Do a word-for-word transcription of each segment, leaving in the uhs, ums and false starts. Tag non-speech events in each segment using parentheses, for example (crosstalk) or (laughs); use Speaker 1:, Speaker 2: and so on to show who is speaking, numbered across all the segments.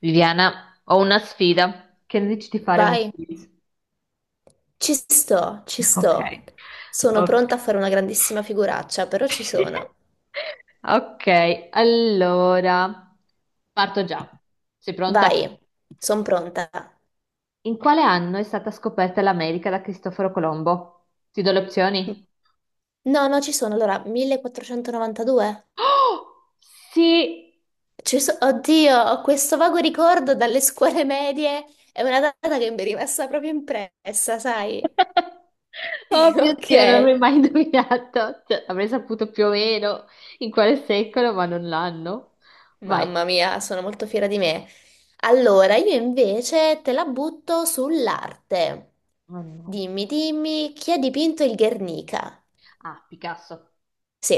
Speaker 1: Viviana, ho una sfida. Che ne dici di fare un
Speaker 2: Vai,
Speaker 1: quiz?
Speaker 2: ci sto, ci
Speaker 1: (laughs) Ok,
Speaker 2: sto. Sono
Speaker 1: ok.
Speaker 2: pronta a fare una grandissima figuraccia, però ci sono.
Speaker 1: (laughs) Ok, allora parto già. Sei pronta?
Speaker 2: Vai, sono pronta.
Speaker 1: In quale anno è stata scoperta l'America da Cristoforo Colombo? Ti do le opzioni?
Speaker 2: No, no, ci sono. Allora, millequattrocentonovantadue?
Speaker 1: Oh, sì!
Speaker 2: Ci so- Oddio, ho questo vago ricordo dalle scuole medie. È una data che mi è rimasta proprio impressa, sai?
Speaker 1: (laughs) Oh
Speaker 2: (laughs)
Speaker 1: mio
Speaker 2: Ok.
Speaker 1: Dio, non l'avrei mai indovinato. Cioè, avrei saputo più o meno in quale secolo, ma non l'anno. Vai.
Speaker 2: Mamma mia, sono molto fiera di me. Allora, io invece te la butto sull'arte.
Speaker 1: Oh no.
Speaker 2: Dimmi, dimmi, chi ha dipinto il Guernica?
Speaker 1: Ah, Picasso.
Speaker 2: Sì,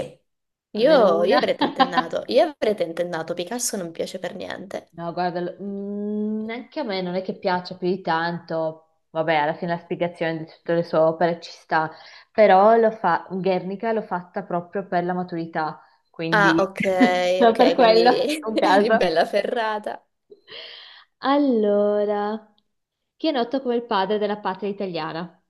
Speaker 1: Almeno
Speaker 2: io, io
Speaker 1: una.
Speaker 2: avrei
Speaker 1: (laughs)
Speaker 2: tentennato, io avrei tentennato, Picasso non piace per niente.
Speaker 1: No, guarda, l- mm, anche a me non è che piaccia più di tanto. Vabbè, alla fine la spiegazione di tutte le sue opere ci sta, però lo fa, Guernica l'ho fatta proprio per la maturità,
Speaker 2: Ah,
Speaker 1: quindi
Speaker 2: ok,
Speaker 1: (laughs) solo per
Speaker 2: ok, quindi
Speaker 1: quello,
Speaker 2: (laughs)
Speaker 1: un
Speaker 2: eri
Speaker 1: caso.
Speaker 2: bella ferrata.
Speaker 1: Allora, chi è noto come il padre della patria italiana?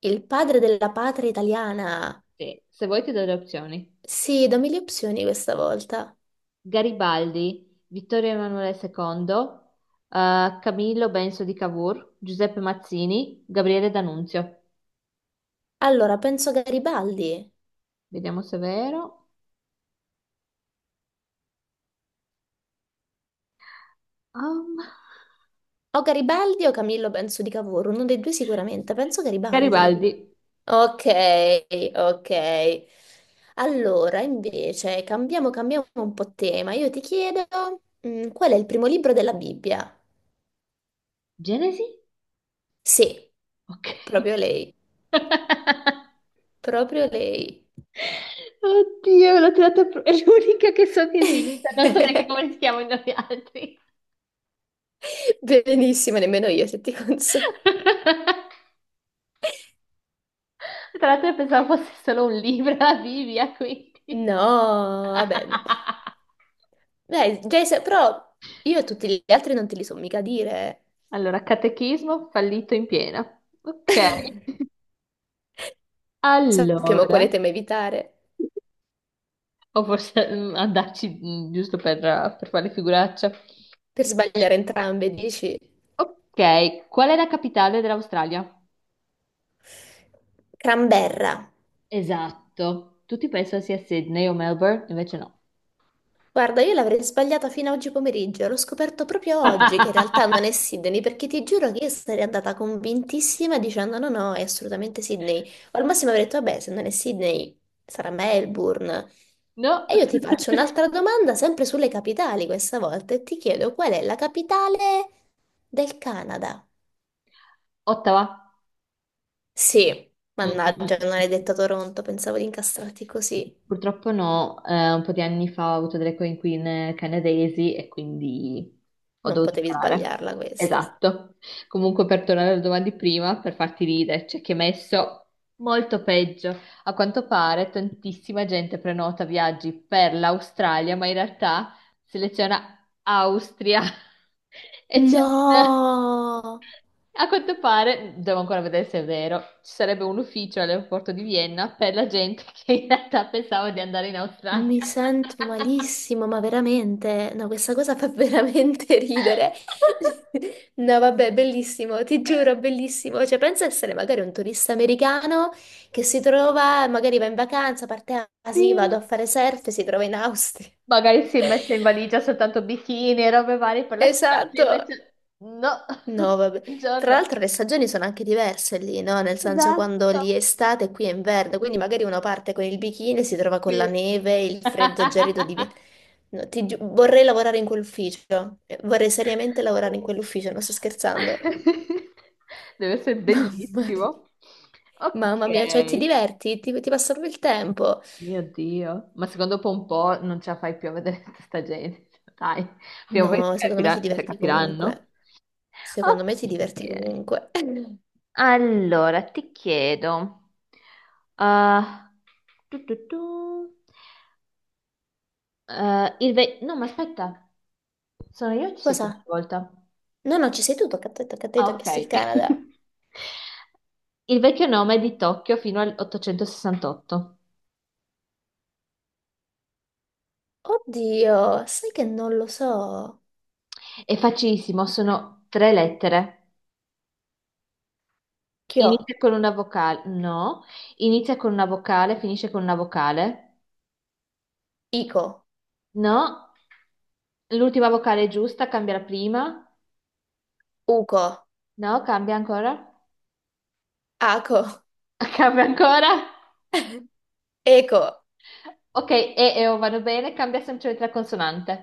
Speaker 2: Il padre della patria italiana.
Speaker 1: Sì, se vuoi ti do le opzioni.
Speaker 2: Sì, dammi le opzioni questa volta.
Speaker 1: Garibaldi, Vittorio Emanuele secondo, eh, Camillo Benso di Cavour, Giuseppe Mazzini, Gabriele D'Annunzio.
Speaker 2: Allora, penso Garibaldi.
Speaker 1: Vediamo se è vero. Um,
Speaker 2: O Garibaldi o Camillo Benso di Cavour, uno dei due sicuramente, penso Garibaldi.
Speaker 1: Garibaldi.
Speaker 2: Ok, ok. Allora, invece, cambiamo, cambiamo un po' tema. Io ti chiedo, mm, qual è il primo libro della Bibbia?
Speaker 1: Genesi?
Speaker 2: Sì,
Speaker 1: Ok.
Speaker 2: proprio lei,
Speaker 1: (laughs)
Speaker 2: proprio lei.
Speaker 1: Oddio, l'ho tirata pro- è l'unica che so che esista, non so neanche come si
Speaker 2: (laughs)
Speaker 1: chiamano gli altri.
Speaker 2: Benissimo, nemmeno io se ti consolo.
Speaker 1: (laughs) Tra l'altro pensavo fosse solo un libro, la Bibbia, quindi.
Speaker 2: No,
Speaker 1: (laughs)
Speaker 2: va bene. Dai, Jason, però io e tutti gli altri non te li so mica dire.
Speaker 1: Allora, catechismo fallito in piena. Ok.
Speaker 2: (laughs)
Speaker 1: (laughs)
Speaker 2: Sappiamo quale
Speaker 1: Allora,
Speaker 2: tema evitare
Speaker 1: o forse mm, andarci mm, giusto per, per, fare figuraccia.
Speaker 2: per sbagliare entrambe, dici?
Speaker 1: Ok, qual è la capitale dell'Australia?
Speaker 2: Cramberra.
Speaker 1: Esatto. Tutti pensano sia Sydney o Melbourne, invece no.
Speaker 2: Guarda, io l'avrei sbagliata fino a oggi pomeriggio, l'ho scoperto proprio oggi che in realtà non
Speaker 1: (laughs)
Speaker 2: è Sydney, perché ti giuro che io sarei andata convintissima dicendo no, no, è assolutamente Sydney. O al massimo avrei detto, vabbè, se non è Sydney sarà Melbourne.
Speaker 1: No.
Speaker 2: E io ti faccio
Speaker 1: (laughs)
Speaker 2: un'altra domanda, sempre sulle capitali questa volta, e ti chiedo qual è la capitale del Canada?
Speaker 1: Ottawa.
Speaker 2: Sì,
Speaker 1: Mm, mm,
Speaker 2: mannaggia, non
Speaker 1: mm.
Speaker 2: hai detto Toronto, pensavo di incastrarti così.
Speaker 1: Purtroppo no, eh, un po' di anni fa ho avuto delle coinquiline canadesi e quindi ho
Speaker 2: Non
Speaker 1: dovuto
Speaker 2: potevi
Speaker 1: imparare.
Speaker 2: sbagliarla questa.
Speaker 1: Esatto. Comunque per tornare alla domanda di prima, per farti ridere, c'è chi ha messo molto peggio. A quanto pare tantissima gente prenota viaggi per l'Australia, ma in realtà seleziona Austria (laughs) e c'è un
Speaker 2: No!
Speaker 1: a quanto pare, devo ancora vedere se è vero, ci sarebbe un ufficio all'aeroporto di Vienna per la gente (laughs) che in realtà pensava di andare in Australia.
Speaker 2: Mi sento malissimo, ma veramente, no, questa cosa fa (laughs) veramente ridere.
Speaker 1: (laughs)
Speaker 2: No, vabbè, bellissimo, ti giuro, bellissimo. Cioè, pensa essere magari un turista americano che si trova, magari va in vacanza, parte a, ah, sì,
Speaker 1: Sì.
Speaker 2: vado a fare surf, e si trova in Austria. (laughs)
Speaker 1: Magari si è messa in valigia soltanto bikini e robe varie per la spiaggia,
Speaker 2: Esatto,
Speaker 1: invece no,
Speaker 2: No,
Speaker 1: (laughs)
Speaker 2: vabbè. Tra
Speaker 1: buongiorno.
Speaker 2: l'altro le stagioni sono anche diverse lì, no? Nel senso quando
Speaker 1: Esatto.
Speaker 2: lì è estate e qui è inverno, quindi magari uno parte con il bikini e si trova con la
Speaker 1: Sì.
Speaker 2: neve, il freddo
Speaker 1: (laughs)
Speaker 2: gelido di... Vienna. No, ti giu- vorrei lavorare in quell'ufficio, Eh, vorrei seriamente lavorare in quell'ufficio, non sto scherzando.
Speaker 1: Deve essere
Speaker 2: (laughs) Mamma mia,
Speaker 1: bellissimo.
Speaker 2: mamma mia, cioè ti
Speaker 1: Ok.
Speaker 2: diverti, ti, ti passa proprio il tempo.
Speaker 1: Mio Dio, ma secondo dopo un po' non ce la fai più a vedere (laughs) tutta sta gente, (laughs) cioè, dai, prima o poi si
Speaker 2: No, secondo me ti
Speaker 1: capirà- cioè,
Speaker 2: diverti
Speaker 1: capiranno.
Speaker 2: comunque. Secondo me ti diverti
Speaker 1: Ok,
Speaker 2: comunque. (clears throat) (laughs)
Speaker 1: allora ti chiedo, ah, tu, tu, tu, eh, il ve- no ma aspetta, sono io o ci sei tu
Speaker 2: Cosa?
Speaker 1: questa volta?
Speaker 2: No, no, ci sei tu, tocca a te, tocca a te,
Speaker 1: Ah,
Speaker 2: ti ho chiesto il
Speaker 1: ok,
Speaker 2: Canada.
Speaker 1: (laughs) il vecchio nome di Tokyo fino al ottocentosessantotto,
Speaker 2: Oddio, sai che non lo so.
Speaker 1: è facilissimo, sono tre lettere.
Speaker 2: Chio,
Speaker 1: Inizia con una vocale, no. Inizia con una vocale, finisce con una vocale,
Speaker 2: Ico,
Speaker 1: no. L'ultima vocale è giusta, cambia la prima,
Speaker 2: Uco,
Speaker 1: no, cambia ancora,
Speaker 2: Aco,
Speaker 1: (laughs) cambia ancora.
Speaker 2: Eco,
Speaker 1: Ok, E e O vanno bene, cambia semplicemente la consonante.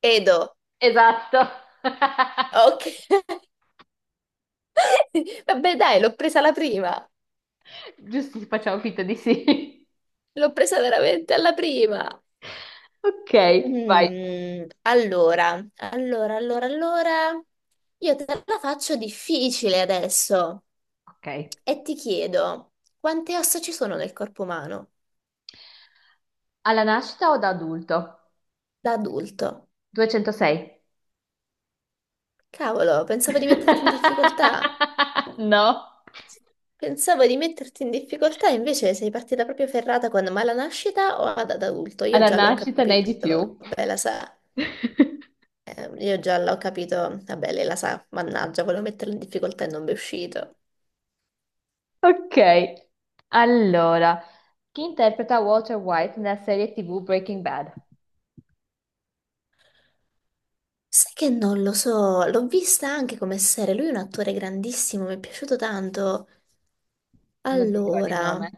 Speaker 2: Edo.
Speaker 1: Esatto. (laughs)
Speaker 2: Ok, (laughs) vabbè dai, l'ho presa alla prima.
Speaker 1: Giusto, facciamo finta di sì. (laughs)
Speaker 2: L'ho presa veramente alla prima.
Speaker 1: Ok, vai.
Speaker 2: Mm, allora, allora, allora, allora. Io te la faccio difficile adesso
Speaker 1: Ok.
Speaker 2: e ti chiedo, quante ossa ci sono nel corpo umano
Speaker 1: Alla nascita o da adulto?
Speaker 2: da adulto?
Speaker 1: duecentosei.
Speaker 2: Cavolo, pensavo di metterti in difficoltà.
Speaker 1: (laughs) No,
Speaker 2: Pensavo di metterti in difficoltà, invece sei partita proprio ferrata quando ma alla nascita o ad ad adulto? Io
Speaker 1: alla
Speaker 2: già l'ho
Speaker 1: nascita ne hai di
Speaker 2: capito,
Speaker 1: più.
Speaker 2: vabbè, la sa.
Speaker 1: (laughs)
Speaker 2: Eh, io già l'ho capito, vabbè, lei la sa, mannaggia, volevo metterla in difficoltà e non mi è uscito.
Speaker 1: Ok, allora, chi interpreta Walter White nella serie T V Breaking Bad?
Speaker 2: Sai che non lo so, l'ho vista anche come serie, lui è un attore grandissimo, mi è piaciuto tanto.
Speaker 1: Non ti ricordi il
Speaker 2: Allora,
Speaker 1: nome?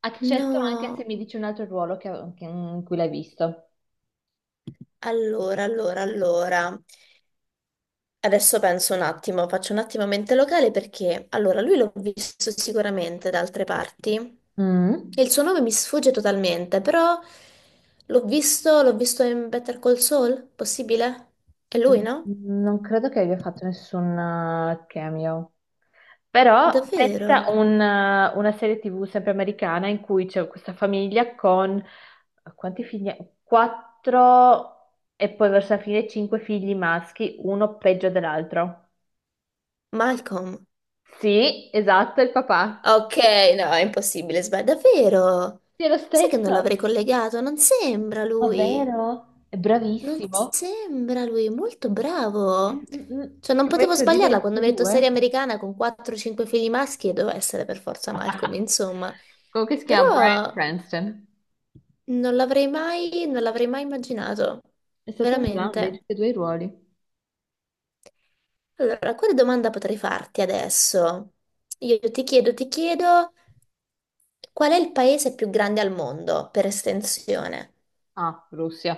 Speaker 1: Accetto anche se
Speaker 2: no,
Speaker 1: mi dici un altro ruolo che- che- mm, in cui l'hai visto.
Speaker 2: allora, allora, allora. Adesso penso un attimo, faccio un attimo mente locale perché allora lui l'ho visto sicuramente da altre parti
Speaker 1: Mm.
Speaker 2: e il suo nome mi sfugge totalmente, però l'ho visto, l'ho visto in Better Call Saul, possibile? È lui,
Speaker 1: Mm,
Speaker 2: no?
Speaker 1: Non credo che abbia fatto nessun eh, cameo. Però
Speaker 2: Davvero?
Speaker 1: pensa a un- una serie T V sempre americana in cui c'è questa famiglia con quanti figli? Quattro e poi verso la fine cinque figli maschi, uno peggio dell'altro.
Speaker 2: Malcolm.
Speaker 1: Sì, esatto, è il papà.
Speaker 2: Ok, no, è impossibile, sbaglio. Davvero?
Speaker 1: Sì, è lo
Speaker 2: Sai che non
Speaker 1: stesso.
Speaker 2: l'avrei collegato? Non sembra
Speaker 1: Ma
Speaker 2: lui.
Speaker 1: vero? È
Speaker 2: Non
Speaker 1: bravissimo.
Speaker 2: sembra lui molto bravo.
Speaker 1: Mm, mm, mm.
Speaker 2: Cioè, non
Speaker 1: Che poi è
Speaker 2: potevo
Speaker 1: credibile in
Speaker 2: sbagliarla
Speaker 1: tutti
Speaker 2: quando
Speaker 1: e
Speaker 2: mi hai detto serie
Speaker 1: due.
Speaker 2: americana con quattro o cinque figli maschi e doveva essere per forza Malcolm,
Speaker 1: (laughs)
Speaker 2: insomma.
Speaker 1: Comunque si
Speaker 2: Però
Speaker 1: chiama Bryan Cranston.
Speaker 2: non l'avrei mai, non l'avrei mai immaginato.
Speaker 1: È stato un grande in
Speaker 2: Veramente.
Speaker 1: tutti e due i ruoli.
Speaker 2: Allora, quale domanda potrei farti adesso? Io ti chiedo, ti chiedo, qual è il paese più grande al mondo per estensione?
Speaker 1: Ah, Russia.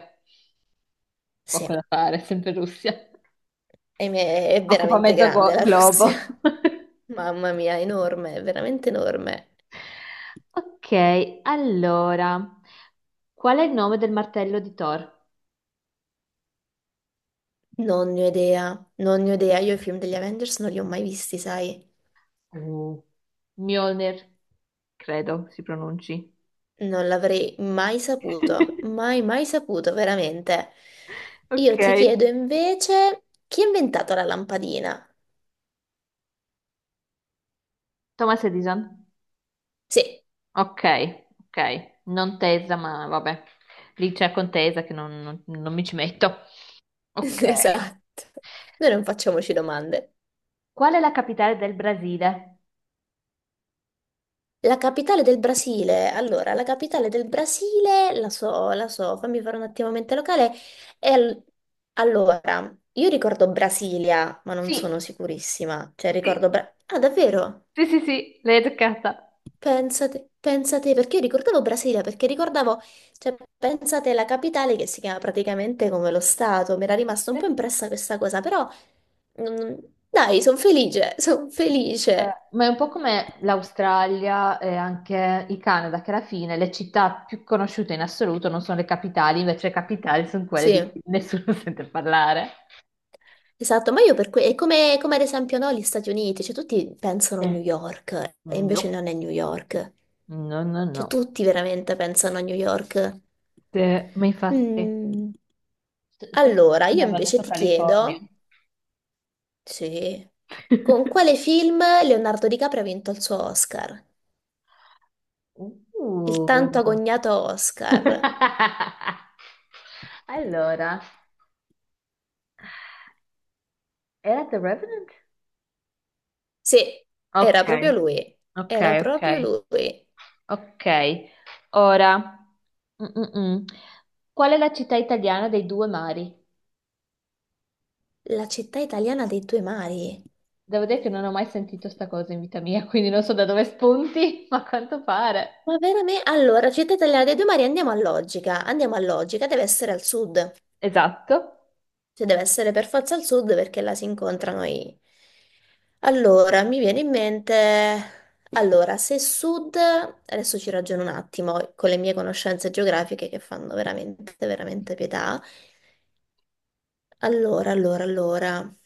Speaker 2: Sì,
Speaker 1: Poco
Speaker 2: è
Speaker 1: da fare, sempre Russia.
Speaker 2: è
Speaker 1: Occupa
Speaker 2: veramente
Speaker 1: mezzo
Speaker 2: grande
Speaker 1: go-
Speaker 2: la
Speaker 1: globo.
Speaker 2: Russia.
Speaker 1: (laughs)
Speaker 2: (laughs) Mamma mia, enorme, veramente enorme.
Speaker 1: Ok, allora, qual è il nome del martello di Thor?
Speaker 2: Non ne ho idea, non ne ho idea. Io i film degli Avengers non li ho mai visti, sai?
Speaker 1: Mm. Mjolnir, credo si pronunci.
Speaker 2: Non l'avrei mai saputo,
Speaker 1: (laughs)
Speaker 2: mai, mai saputo, veramente. Io
Speaker 1: Ok.
Speaker 2: ti chiedo invece, chi ha inventato la lampadina?
Speaker 1: Thomas Edison.
Speaker 2: Sì,
Speaker 1: Ok, ok. Non tesa, ma vabbè. Lì c'è contesa che non, non- non mi ci metto.
Speaker 2: (laughs)
Speaker 1: Ok.
Speaker 2: esatto. Noi non facciamoci domande.
Speaker 1: Qual è la capitale del Brasile?
Speaker 2: La capitale del Brasile, allora, la capitale del Brasile, la so, la so, fammi fare un attimo mente locale. È al- allora, io ricordo Brasilia, ma non sono
Speaker 1: Sì,
Speaker 2: sicurissima. Cioè, ricordo...
Speaker 1: sì,
Speaker 2: Bra- ah, davvero?
Speaker 1: sì, sì, sì, l'hai toccata.
Speaker 2: Pensate, pensate, perché io ricordavo Brasilia, perché ricordavo, cioè, pensate la capitale che si chiama praticamente come lo Stato, mi era rimasta un po' impressa questa cosa, però mm, dai, sono felice, sono
Speaker 1: Eh,
Speaker 2: felice.
Speaker 1: Ma è un po' come l'Australia e anche il Canada, che alla fine le città più conosciute in assoluto non sono le capitali, invece le capitali sono quelle
Speaker 2: Sì,
Speaker 1: di cui nessuno (laughs) sente parlare.
Speaker 2: esatto, ma io per cui, è come, come ad esempio no, gli Stati Uniti, cioè tutti pensano a New
Speaker 1: Eh,
Speaker 2: York e
Speaker 1: No,
Speaker 2: invece non è New York,
Speaker 1: no, no,
Speaker 2: cioè
Speaker 1: no.
Speaker 2: tutti veramente pensano a New York.
Speaker 1: Eh, ma infatti,
Speaker 2: Mm,
Speaker 1: forse
Speaker 2: Allora,
Speaker 1: mi
Speaker 2: io
Speaker 1: aveva
Speaker 2: invece
Speaker 1: detto
Speaker 2: ti
Speaker 1: California.
Speaker 2: chiedo... Sì. Con
Speaker 1: (laughs)
Speaker 2: quale film Leonardo DiCaprio ha vinto il suo Oscar? Il tanto
Speaker 1: Uh.
Speaker 2: agognato Oscar.
Speaker 1: (laughs) Allora, era The Revenant?
Speaker 2: Sì,
Speaker 1: Ok,
Speaker 2: era proprio lui.
Speaker 1: ok,
Speaker 2: Era proprio
Speaker 1: ok.
Speaker 2: lui.
Speaker 1: Ok, ora. mm, mm, mm. Qual è la città italiana dei due mari?
Speaker 2: La città italiana dei due mari.
Speaker 1: Devo dire che non ho mai sentito sta cosa in vita mia, (laughs) quindi non so da dove spunti, (laughs) ma a quanto pare.
Speaker 2: Ma veramente? Allora, città italiana dei due mari, andiamo a logica. Andiamo a logica, deve essere al sud.
Speaker 1: Esatto.
Speaker 2: Cioè, deve essere per forza al sud perché là si incontrano i... Allora, mi viene in mente... Allora, se sud... Adesso ci ragiono un attimo con le mie conoscenze geografiche che fanno veramente, veramente pietà. Allora, allora, allora...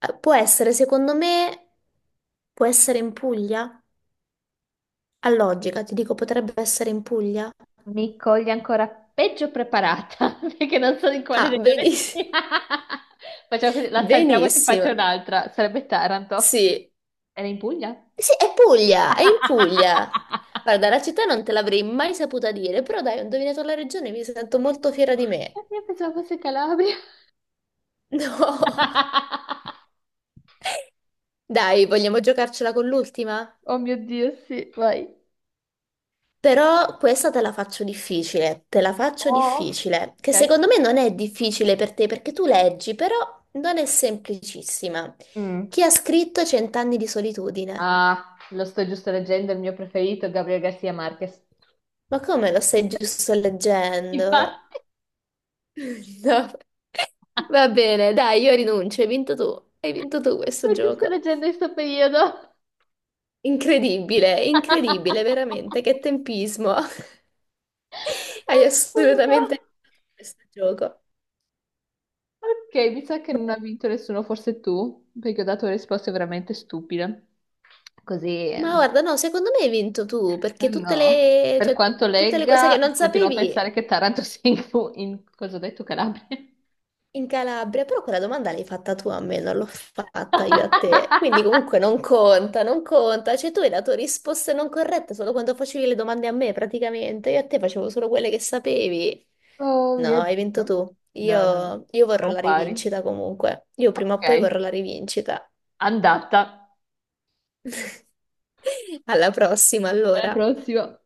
Speaker 2: Eh, Può essere, secondo me, può essere in Puglia? A logica, ti dico, potrebbe essere in Puglia?
Speaker 1: Mi coglie ancora peggio preparata, (laughs) perché non so di quale
Speaker 2: Ah,
Speaker 1: regione
Speaker 2: benissimo.
Speaker 1: sia. (laughs) Facciamo così,
Speaker 2: (laughs)
Speaker 1: la saltiamo e ti faccio
Speaker 2: Benissimo.
Speaker 1: un'altra. Sarebbe Taranto.
Speaker 2: Sì,
Speaker 1: Era in Puglia?
Speaker 2: Sì, è Puglia, è in Puglia.
Speaker 1: (laughs)
Speaker 2: Guarda, la città non te l'avrei mai saputa dire, però dai, ho indovinato la regione e mi sento molto fiera di me.
Speaker 1: Io pensavo fosse Calabria.
Speaker 2: (laughs) No.
Speaker 1: (laughs)
Speaker 2: Dai, vogliamo giocarcela con l'ultima?
Speaker 1: Oh mio Dio, sì, vai.
Speaker 2: Però questa te la faccio difficile, te la faccio
Speaker 1: Oh,
Speaker 2: difficile, che
Speaker 1: ok.
Speaker 2: secondo me non è difficile per te perché tu leggi, però non è semplicissima.
Speaker 1: Mm.
Speaker 2: Chi ha scritto Cent'anni di solitudine?
Speaker 1: Ah, lo sto giusto leggendo, il mio preferito, Gabriel Garcia Marquez.
Speaker 2: Ma come lo stai giusto leggendo?
Speaker 1: Infatti,
Speaker 2: (laughs) No. Va bene, dai, io rinuncio, hai vinto tu. Hai vinto tu
Speaker 1: (laughs) lo
Speaker 2: questo
Speaker 1: sto giusto
Speaker 2: gioco.
Speaker 1: leggendo in questo periodo.
Speaker 2: Incredibile,
Speaker 1: (laughs)
Speaker 2: incredibile,
Speaker 1: Assurdo.
Speaker 2: veramente, che tempismo. (laughs) Hai assolutamente vinto tu questo gioco.
Speaker 1: Ok, mi sa che non
Speaker 2: No.
Speaker 1: ha vinto nessuno, forse tu, perché ho dato risposte veramente stupide. Così,
Speaker 2: Ma
Speaker 1: ehm,
Speaker 2: guarda, no, secondo me hai vinto tu, perché tutte
Speaker 1: no.
Speaker 2: le,
Speaker 1: Per
Speaker 2: cioè,
Speaker 1: quanto
Speaker 2: tutte le cose che
Speaker 1: legga,
Speaker 2: non
Speaker 1: continuo a
Speaker 2: sapevi
Speaker 1: pensare che Taranto sia in, in cosa ho detto, Calabria.
Speaker 2: In Calabria, però quella domanda l'hai fatta tu a me, non l'ho fatta io a te. Quindi
Speaker 1: (laughs)
Speaker 2: comunque non conta, non conta. Cioè tu hai dato risposte non corrette solo quando facevi le domande a me praticamente. Io a te facevo solo quelle che sapevi.
Speaker 1: Oh
Speaker 2: No,
Speaker 1: mio
Speaker 2: hai vinto
Speaker 1: Dio.
Speaker 2: tu.
Speaker 1: No, no, no.
Speaker 2: Io, io vorrò
Speaker 1: Siamo
Speaker 2: la
Speaker 1: pari.
Speaker 2: rivincita comunque. Io prima o
Speaker 1: Ok,
Speaker 2: poi vorrò la rivincita.
Speaker 1: andata.
Speaker 2: (laughs) Alla prossima,
Speaker 1: Alla
Speaker 2: allora.
Speaker 1: prossima.